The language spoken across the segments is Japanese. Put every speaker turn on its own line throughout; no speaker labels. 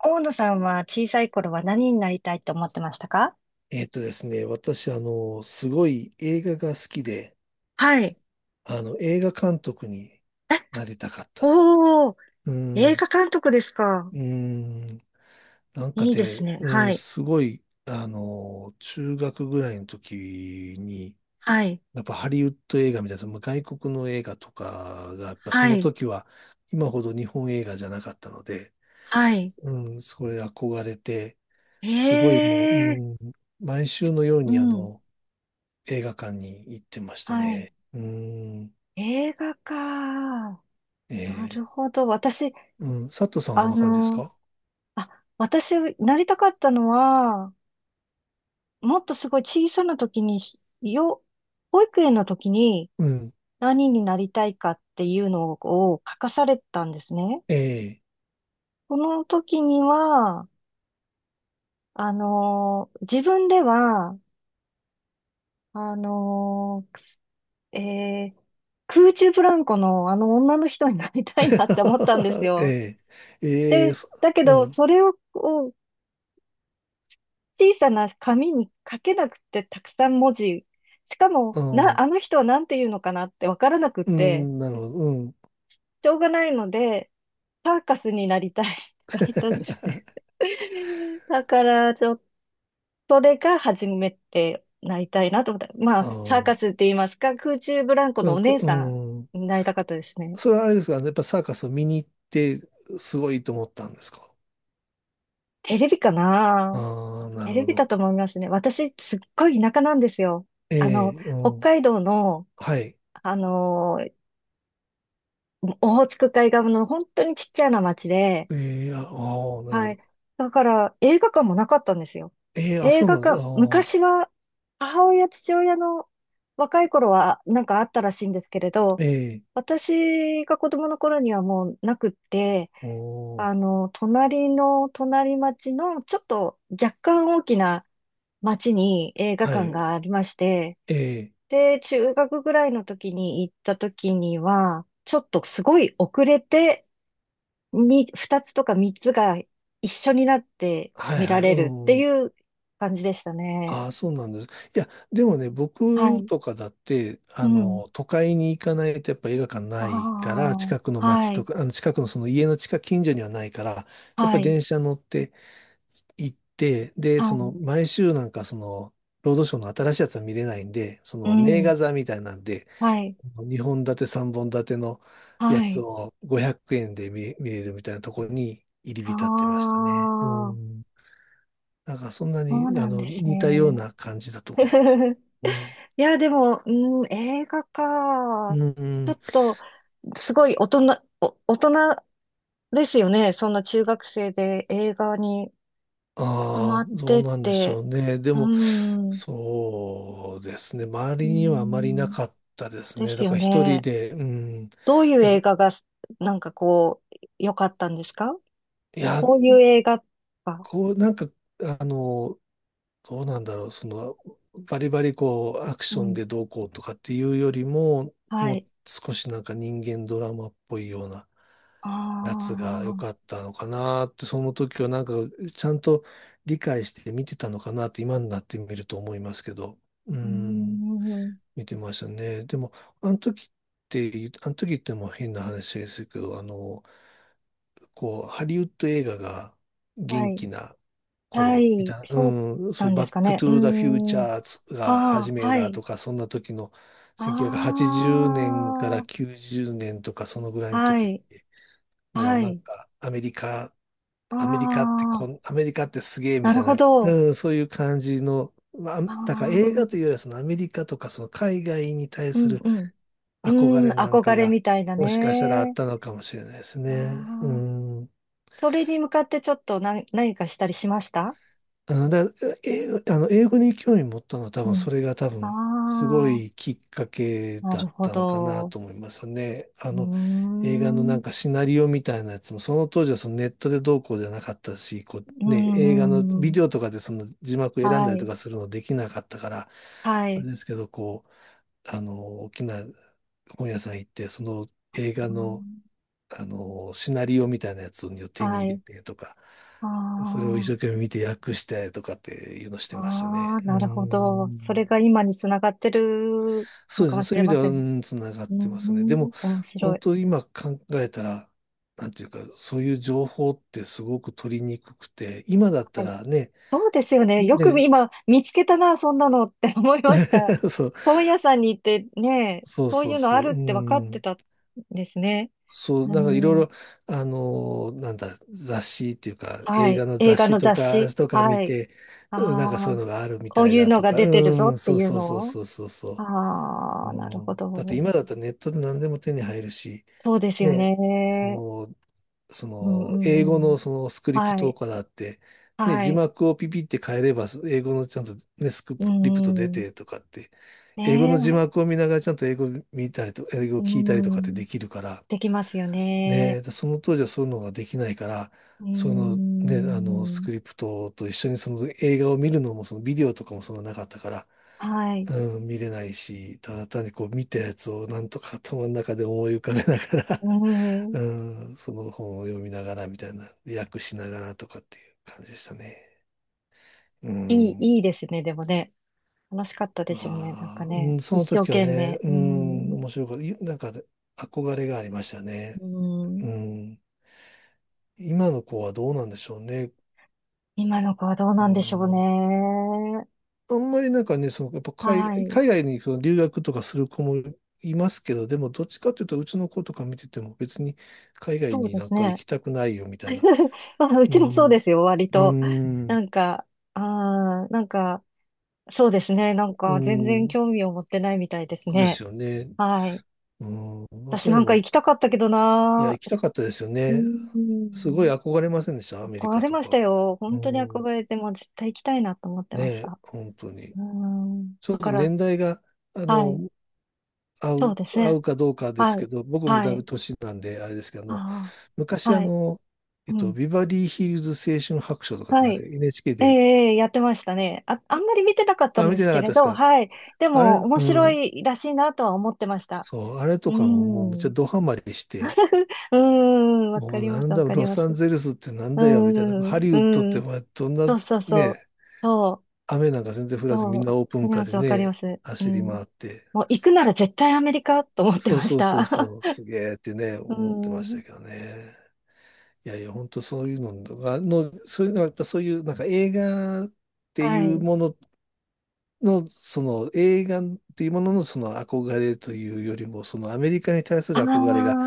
大野さんは小さい頃は何になりたいと思ってましたか？
えっとですね、私、すごい映画が好きで、
はい。
映画監督になりたかったです
おー、
ね。
映画監督ですか。
うん、なんか
いいです
ね、
ね。
う
は
ん、
い。
すごい、中学ぐらいの時に、
はい。
やっぱハリウッド映画みたいな、まあ外国の映画とかが、やっぱそ
は
の
い。
時は、今ほど日本映画じゃなかったので、
はい。
うん、それ憧れて、す
え
ごいもう、
え
うん、毎週のよう
ー。う
に、
ん。
映画館に行ってました
はい。
ね。うーん。
映画か。な
え
るほど。私、
うん。佐藤さんはど
あ
んな感じです
の、
か？
あ、私、なりたかったのは、もっとすごい小さな時に保育園の時に
うん。
何になりたいかっていうのを書かされたんですね。
え
その時には、自分では、あのーくすえー空中ブランコのあの女の人になりたいなって思ったんです
ー、
よ。
えー、えー、
で、
そ
だけ
う
ど、
ん。
それを、こう小さな紙に書けなくて、たくさん文字。しかも、
うん。
あの人は何て言うのかなってわからなくっ
う
て、
ん。なるほど。うん。
しょうがないので、サーカスになりたいって書いたんですね。だから、ちょっそれが初めてなりたいなと思った。まあ、サーカスっ
あ
て言いますか、空中ブランコ
あ。な
の
ん
お
か、
姉
う
さ
ん。
んになりたかったですね。
それはあれですかね。やっぱサーカスを見に行って、すごいと思ったんですか？
テレビかな？
ああ、な
テ
る
レ
ほ
ビだ
ど。
と思いますね。私、すっごい田舎なんですよ。
ええ、う
北
ん。
海道の、
はい。
あのー、オホーツク海側の本当にちっちゃな町で、
ええ、ああー、なるほ
はい。
ど。
だから、映画館もなかったんですよ。
ええ、あ、
映
そう
画
なんです。あ
館、昔
あ、
は、母親、父親の若い頃は、なんかあったらしいんですけれど、
ええ、
私が子供の頃にはもうなくって、
おー、
隣の隣町の、ちょっと若干大きな町に映画
は
館
い。
がありまして、
え
で、中学ぐらいの時に行った時には、ちょっとすごい遅れて二つとか三つが一緒になって
は
見
いは
ら
い、
れるって
うん。
いう感じでしたね。
ああ、そうなんです。いや、でもね、
は
僕
い。
とかだって、
うん。
都会に行かないとやっぱ映画館ないか
あ
ら、近くの
あ、
街
は
と
い、
か、近くのその家の近所にはないから、やっ
は
ぱ
い、
電車乗って行って、で、
は
その、
い、
毎週なんかその、ロードショーの新しいやつは見れないんで、そ
う
の、名
ん、
画座みたいなんで、
はい、
2本立て、3本立てのや
は
つ
い。
を500円で見れるみたいなところに入り
あ
浸ってましたね。う
あ、
ん。なんかそんな
そう
に、
なんです
似たよう
ね。
な感じだと思います。うん。
いや、でも、うん、映画
う
か。
ん、う
ちょ
ん。
っと、すごいお大人ですよね。そんな中学生で映画にハ
あ
マ
あ、
っ
ど
て
う
っ
なんでしょ
て。
うね。で
う
も、
ん。
そうですね。周
うー
りにはあまりな
ん
かったです
で
ね。
す
だか
よ
ら一人
ね。
で、うん。
どういう
だ
映画が、なんかこう、良かったんですか？
いや、
こういう映画か。
こう、なんか、あの、どうなんだろう。その、バリバリこう、アク
う
ション
ん。
でどうこうとかっていうよりも、
は
もう
い。
少しなんか人間ドラマっぽいような
あ
夏が良
あ、
かったのかなって、その時はなんかちゃんと理解して見てたのかなって今になってみると思いますけど、う
うー
ん、
ん。
見てましたね。でも、あの時っあの時ってもう変な話ですけど、こう、ハリウッド映画が
は
元
い。
気な
は
頃み
い。
たいな、
そう
うん、
な
そう、
んで
バ
す
ッ
か
ク
ね。
ト
う
ゥーザフューチ
ーん。
ャーが始
ああ、
め
は
だ
い。
とか、そんな時の1980
あ
年から90年とかそのぐらい
あ、
の
は
時っ
い。
て、もう
は
なん
い。
か
ああ、
アメリカってすげえ
な
み
る
たい
ほ
な、
ど。
うん、そういう感じの、まあ、
あ
だから映
あ、
画というよりはそのアメリカとかその海外に対
う
す
ん、
る
うん。う
憧
ん、
れなん
憧
か
れ
が、
みたいな
もしかしたらあっ
ね。
たのかもしれないです
あ
ね。う
あ
ん。
それに向かってちょっと何かしたりしました？
あだ、英あの、英語に興味持ったのは多
う
分
ん。
それが多分すご
あ
いきっかけ
あ、な
だ
る
っ
ほ
たのかな
ど。
と思いますね。
うー
映画のな
ん。
んかシナリオみたいなやつも、その当時はそのネットでどうこうじゃなかったし、こ
う
うね、映
ん
画
う
の
んう
ビ
ん。
デオとかでその字幕選ん
は
だりと
い。
かするのできなかったから、
は
あれ
い。
ですけど、こう、大きな本屋さん行って、その映
あー
画のシナリオみたいなやつを手に
は
入れ
い。
てとか、
あ
それを一
あ、
生懸命見て訳してとかっていうのしてましたね。
ああ、
うー
なるほど。そ
ん。
れが今につながってる
そ
の
うで
か
すね。
もし
そう
れ
いう意味
ま
では、
せ
う
ん。
ん、つながっ
うー
てますね。で
ん。
も、
面白
本
い。
当今考えたら、なんていうか、そういう情報ってすごく取りにくくて、今だった
はい。
らね、
そうですよね。よく
で、
今見つけたな、そんなのって思いました。
そう、
本屋さんに行ってね、
そう
そう
そう
いうの
そ
あ
う、う
るって分かって
ん。
たんですね。
そう、
う
なんかいろい
ん、
ろ、なんだ、雑誌っていうか、
は
映画
い。
の
映
雑
画
誌
の
と
雑
か、
誌
とか
は
見
い。
て、うんなんかそ
あ
うい
あ、
うのがあるみ
こう
たい
いう
だ
の
と
が
か、
出てるぞ
う
っ
ん、
て
そう
いう
そうそう
のを。
そうそうそう。
ああなる
う
ほ
ん、だって
ど。
今だったらネットで何でも手に入るし、
そうですよ
ね、そ
ね。
の、そ
うんう
の、
ん
英語
うん。
のそのスクリプ
は
トと
い。
かだって、ね、
は
字
い。
幕をピピって変えれば、英語のちゃんとね、スク
う
リプト出
んうん。
てとかって、英語
ね
の字
え。
幕を見ながらちゃんと英語見たりと、英語を
う
聞いたりとかって
ん。
できるから、
できますよね。
ね、でその当時はそういうのができないから、
う
そのね、スク
ん。
リプトと一緒にその映画を見るのも、そのビデオとかもそんななかったから、
はい。
うん、見れないし、ただ単にこう見たやつをなんとか頭の中で思い浮かべながら、
う ん。
うん、その本を読みながらみたいな、訳しながらとかっていう感じでしたね。うん、
いいですね。でもね。楽しかったで
ま
しょうね。なんか
あ、う
ね。
ん、そ
一
の
生
時は
懸
ね、
命。
う
う
ん、
ん。
面白かった。なんかね憧れがありましたね。
う
う
ん。
ん、今の子はどうなんでしょうね。
今の子はどう
あ
なんでしょう
ー
ね。
あんまりなんかね、その、やっぱ
はい。
海外にその留学とかする子もいますけど、でもどっちかというと、うちの子とか見てても別に海外
そう
に
で
な
す
んか行
ね。
きたくないよみたいな。
まあ、う
う
ちもそう
ん、
ですよ、割
う
と。な
ん、
んか、なんか、そうですね。なん
う
か、全然
ん、
興味を持ってないみたいです
です
ね。
よね。
はい。
うん、まあそ
私
うい
な
う
ん
の
か
も、
行きたかったけど
いや、
な
行きた
ー。
かったですよ
うー
ね。すごい
ん。
憧れませんでした、アメリ
憧
カ
れ
と
ました
か。
よ。
う
本当に憧
ん、
れて、もう絶対行きたいなと思って
ね
まし
え、
た。
本当に。
うーん。
ちょっ
だ
と
から、
年代が、あ
はい。
の、合
そう
う、
です
合
ね。
うかどうかで
は
すけ
い。
ど、僕も
は
だいぶ
い。
年なんで、あれですけど、
ああ。
昔あ
はい。
の、えっ
う
と、
ん。
ビバリーヒルズ青春白書とかって
は
なんか
い。
NHK
ええ、
で、
ええやってましたね。あ、あんまり見てなかった
あ、
ん
見
で
て
す
な
け
かっ
れ
たです
ど、
か？
はい。で
あれ、
も、面
う
白
ん、
いらしいなとは思ってました。
そう、あれと
う
かももうめっ
ん。
ちゃ
う
ドハマりして、
ーん、わか
もう
りま
な
す、
ん
わ
だ、
かり
ロ
ます。
サン
う
ゼルスってなん
ー
だよ、みたいな。ハ
ん、
リウッドっ
う
て
ん。
まあどんな、
そうそうそ
ね、
う。そう、
雨なんか全然降らずみ
そう。
ん
わ
な
か
オープン
り
カー
ま
で
す、わかりま
ね、
す。う
走り
ん。
回って、
もう、行くなら絶対アメリカと思って
そう
まし
そうそう
た。
そう、すげーってね、
う
思ってまし
ーん。
たけどね。いやいや、本当そういうのが、の、そういうのはやっぱそういうなんか映画って
は
いう
い。
ものの、その映画っていうもののその憧れというよりも、そのアメリカに対する憧れが、
あ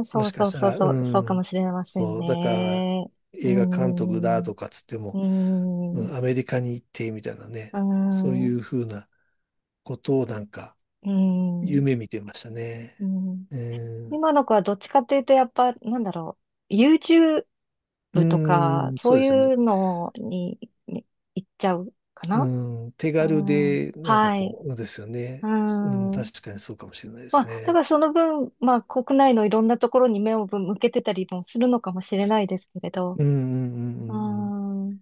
あ、
も
そう
しか
そ
し
う
た
そう
ら、う
そう、そうか
ん、
もしれません
そう、だから、
ね。うー
映画監督だ
ん。
とかつって
う
も、う
ー
ん、
ん。
アメリカに行ってみたいなね、
うー
そう
ん、
い
う
うふうなことをなんか、
ーん、
夢見てましたね。
うん。
うん、
今の子はどっちかっていうと、やっぱ、なんだろう、YouTube
う
とか、
んそ
そ
う
う
ですよね。
いうのに行っちゃうかな？
うん、手
う
軽
ん、
で、なんか
はい。
こう、ですよね。
う
うん、
ん。
確かにそうかもしれないで
ま
す
あ、だ
ね。
からその分、まあ、国内のいろんなところに目を向けてたりもするのかもしれないですけれど、
うん、うん、うん、う
うー
ん。うん
ん、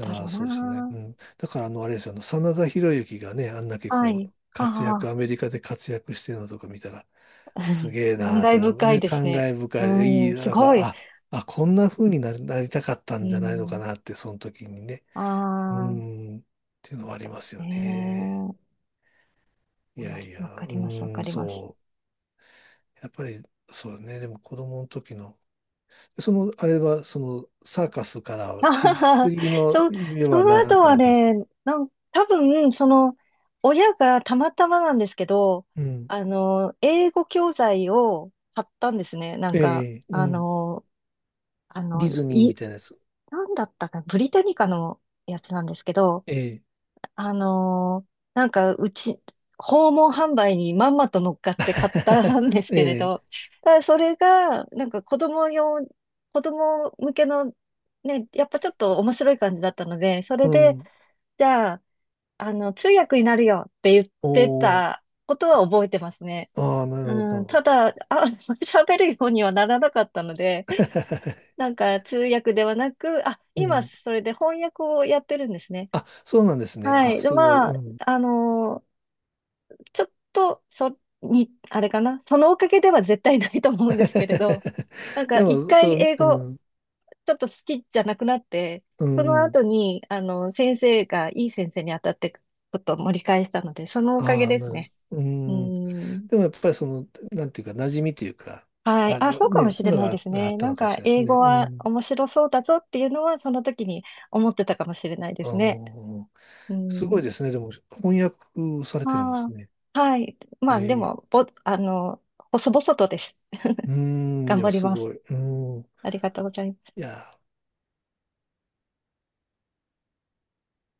だろ
あ、
う
そうですよね。
な。
うん。だから、あれですよ、真田広之がね、あんだけ
は
こ
い。
う、
あ
アメリカで活躍してるのとか見たら、
あ、
すげえ
感
なーって
慨
思う。
深い
ね、
です
感
ね。
慨深い。い
うん、
い、
す
なん
ごい。
か、あ、あ、こんな風になりたかった
う
んじゃないのか
ん、
なって、その時にね。う
ああ。
ーん、っていうのはありますよ
ええ
ね。い
ま
やい
あわ
や、
か
う
ります、わか
ーん、
ります。
そう。やっぱり、そうね。でも子供の時の、その、あれは、その、サーカスから は、
あは
次、
は
次の
そ、
夢
そ
は
の
何
後
か
は
だったんですか？
ね、多分、親がたまたまなんですけど、
うん。
英語教材を買ったんですね。なん
え
か、
えうん。
あ
ディ
の、
ズニーみ
い、
たいなやつ。
なんだったかな、ブリタニカのやつなんですけど、
ええ。
なんか、うち、訪問販売にまんまと乗っかって買ったんで すけれ
え
ど、
え。
ただそれが、なんか子供向けの、ね、やっぱちょっと面白い感じだったので、それ
う
で、
ん。
じゃあ、通訳になるよって言って
おー。
たことは覚えてますね。
ああ、なるほど、
う
な
ん、
るほ
た
ど。
だ、あ、喋るようにはならなかったので、なんか通訳ではなく、あ、
う
今
ん。
それで翻訳をやってるんですね。
あ、そうなんですね。
は
あ、
い。で、
すごい。
ま
う
あ、
ん。
あのーちょっと、あれかな。そのおかげでは絶対ないと思うんですけれど、なんか
で
一
も、
回
そう、
英
う
語、
ん、
ちょっと好きじゃなくなって、
う
その
ん。
後に、先生がいい先生に当たってことを盛り返したので、そのおかげ
ああ、
です
なる。
ね。
う
う
ん。
ん。
でもやっぱりその、なんていうか、馴染みというか、
はい。
あ、
あ、
ね、
そうかもし
そう
れ
いうの
ない
が
です
ああ
ね。
った
なん
のかもし
か、
れないです
英
ね。
語
う
は
ん。
面白そうだぞっていうのは、その時に思ってたかもしれないで
あ
すね。
ー
う
すごい
ん。
ですね。でも、翻訳されてるんで
ま
す
あ、
ね。
はい。ま
え
あ、で
え。
も、ぼ、あの、細々とです。
うん、
頑
で
張
も
り
す
ます。
ごい。うん。
ありがとうございます。
いやー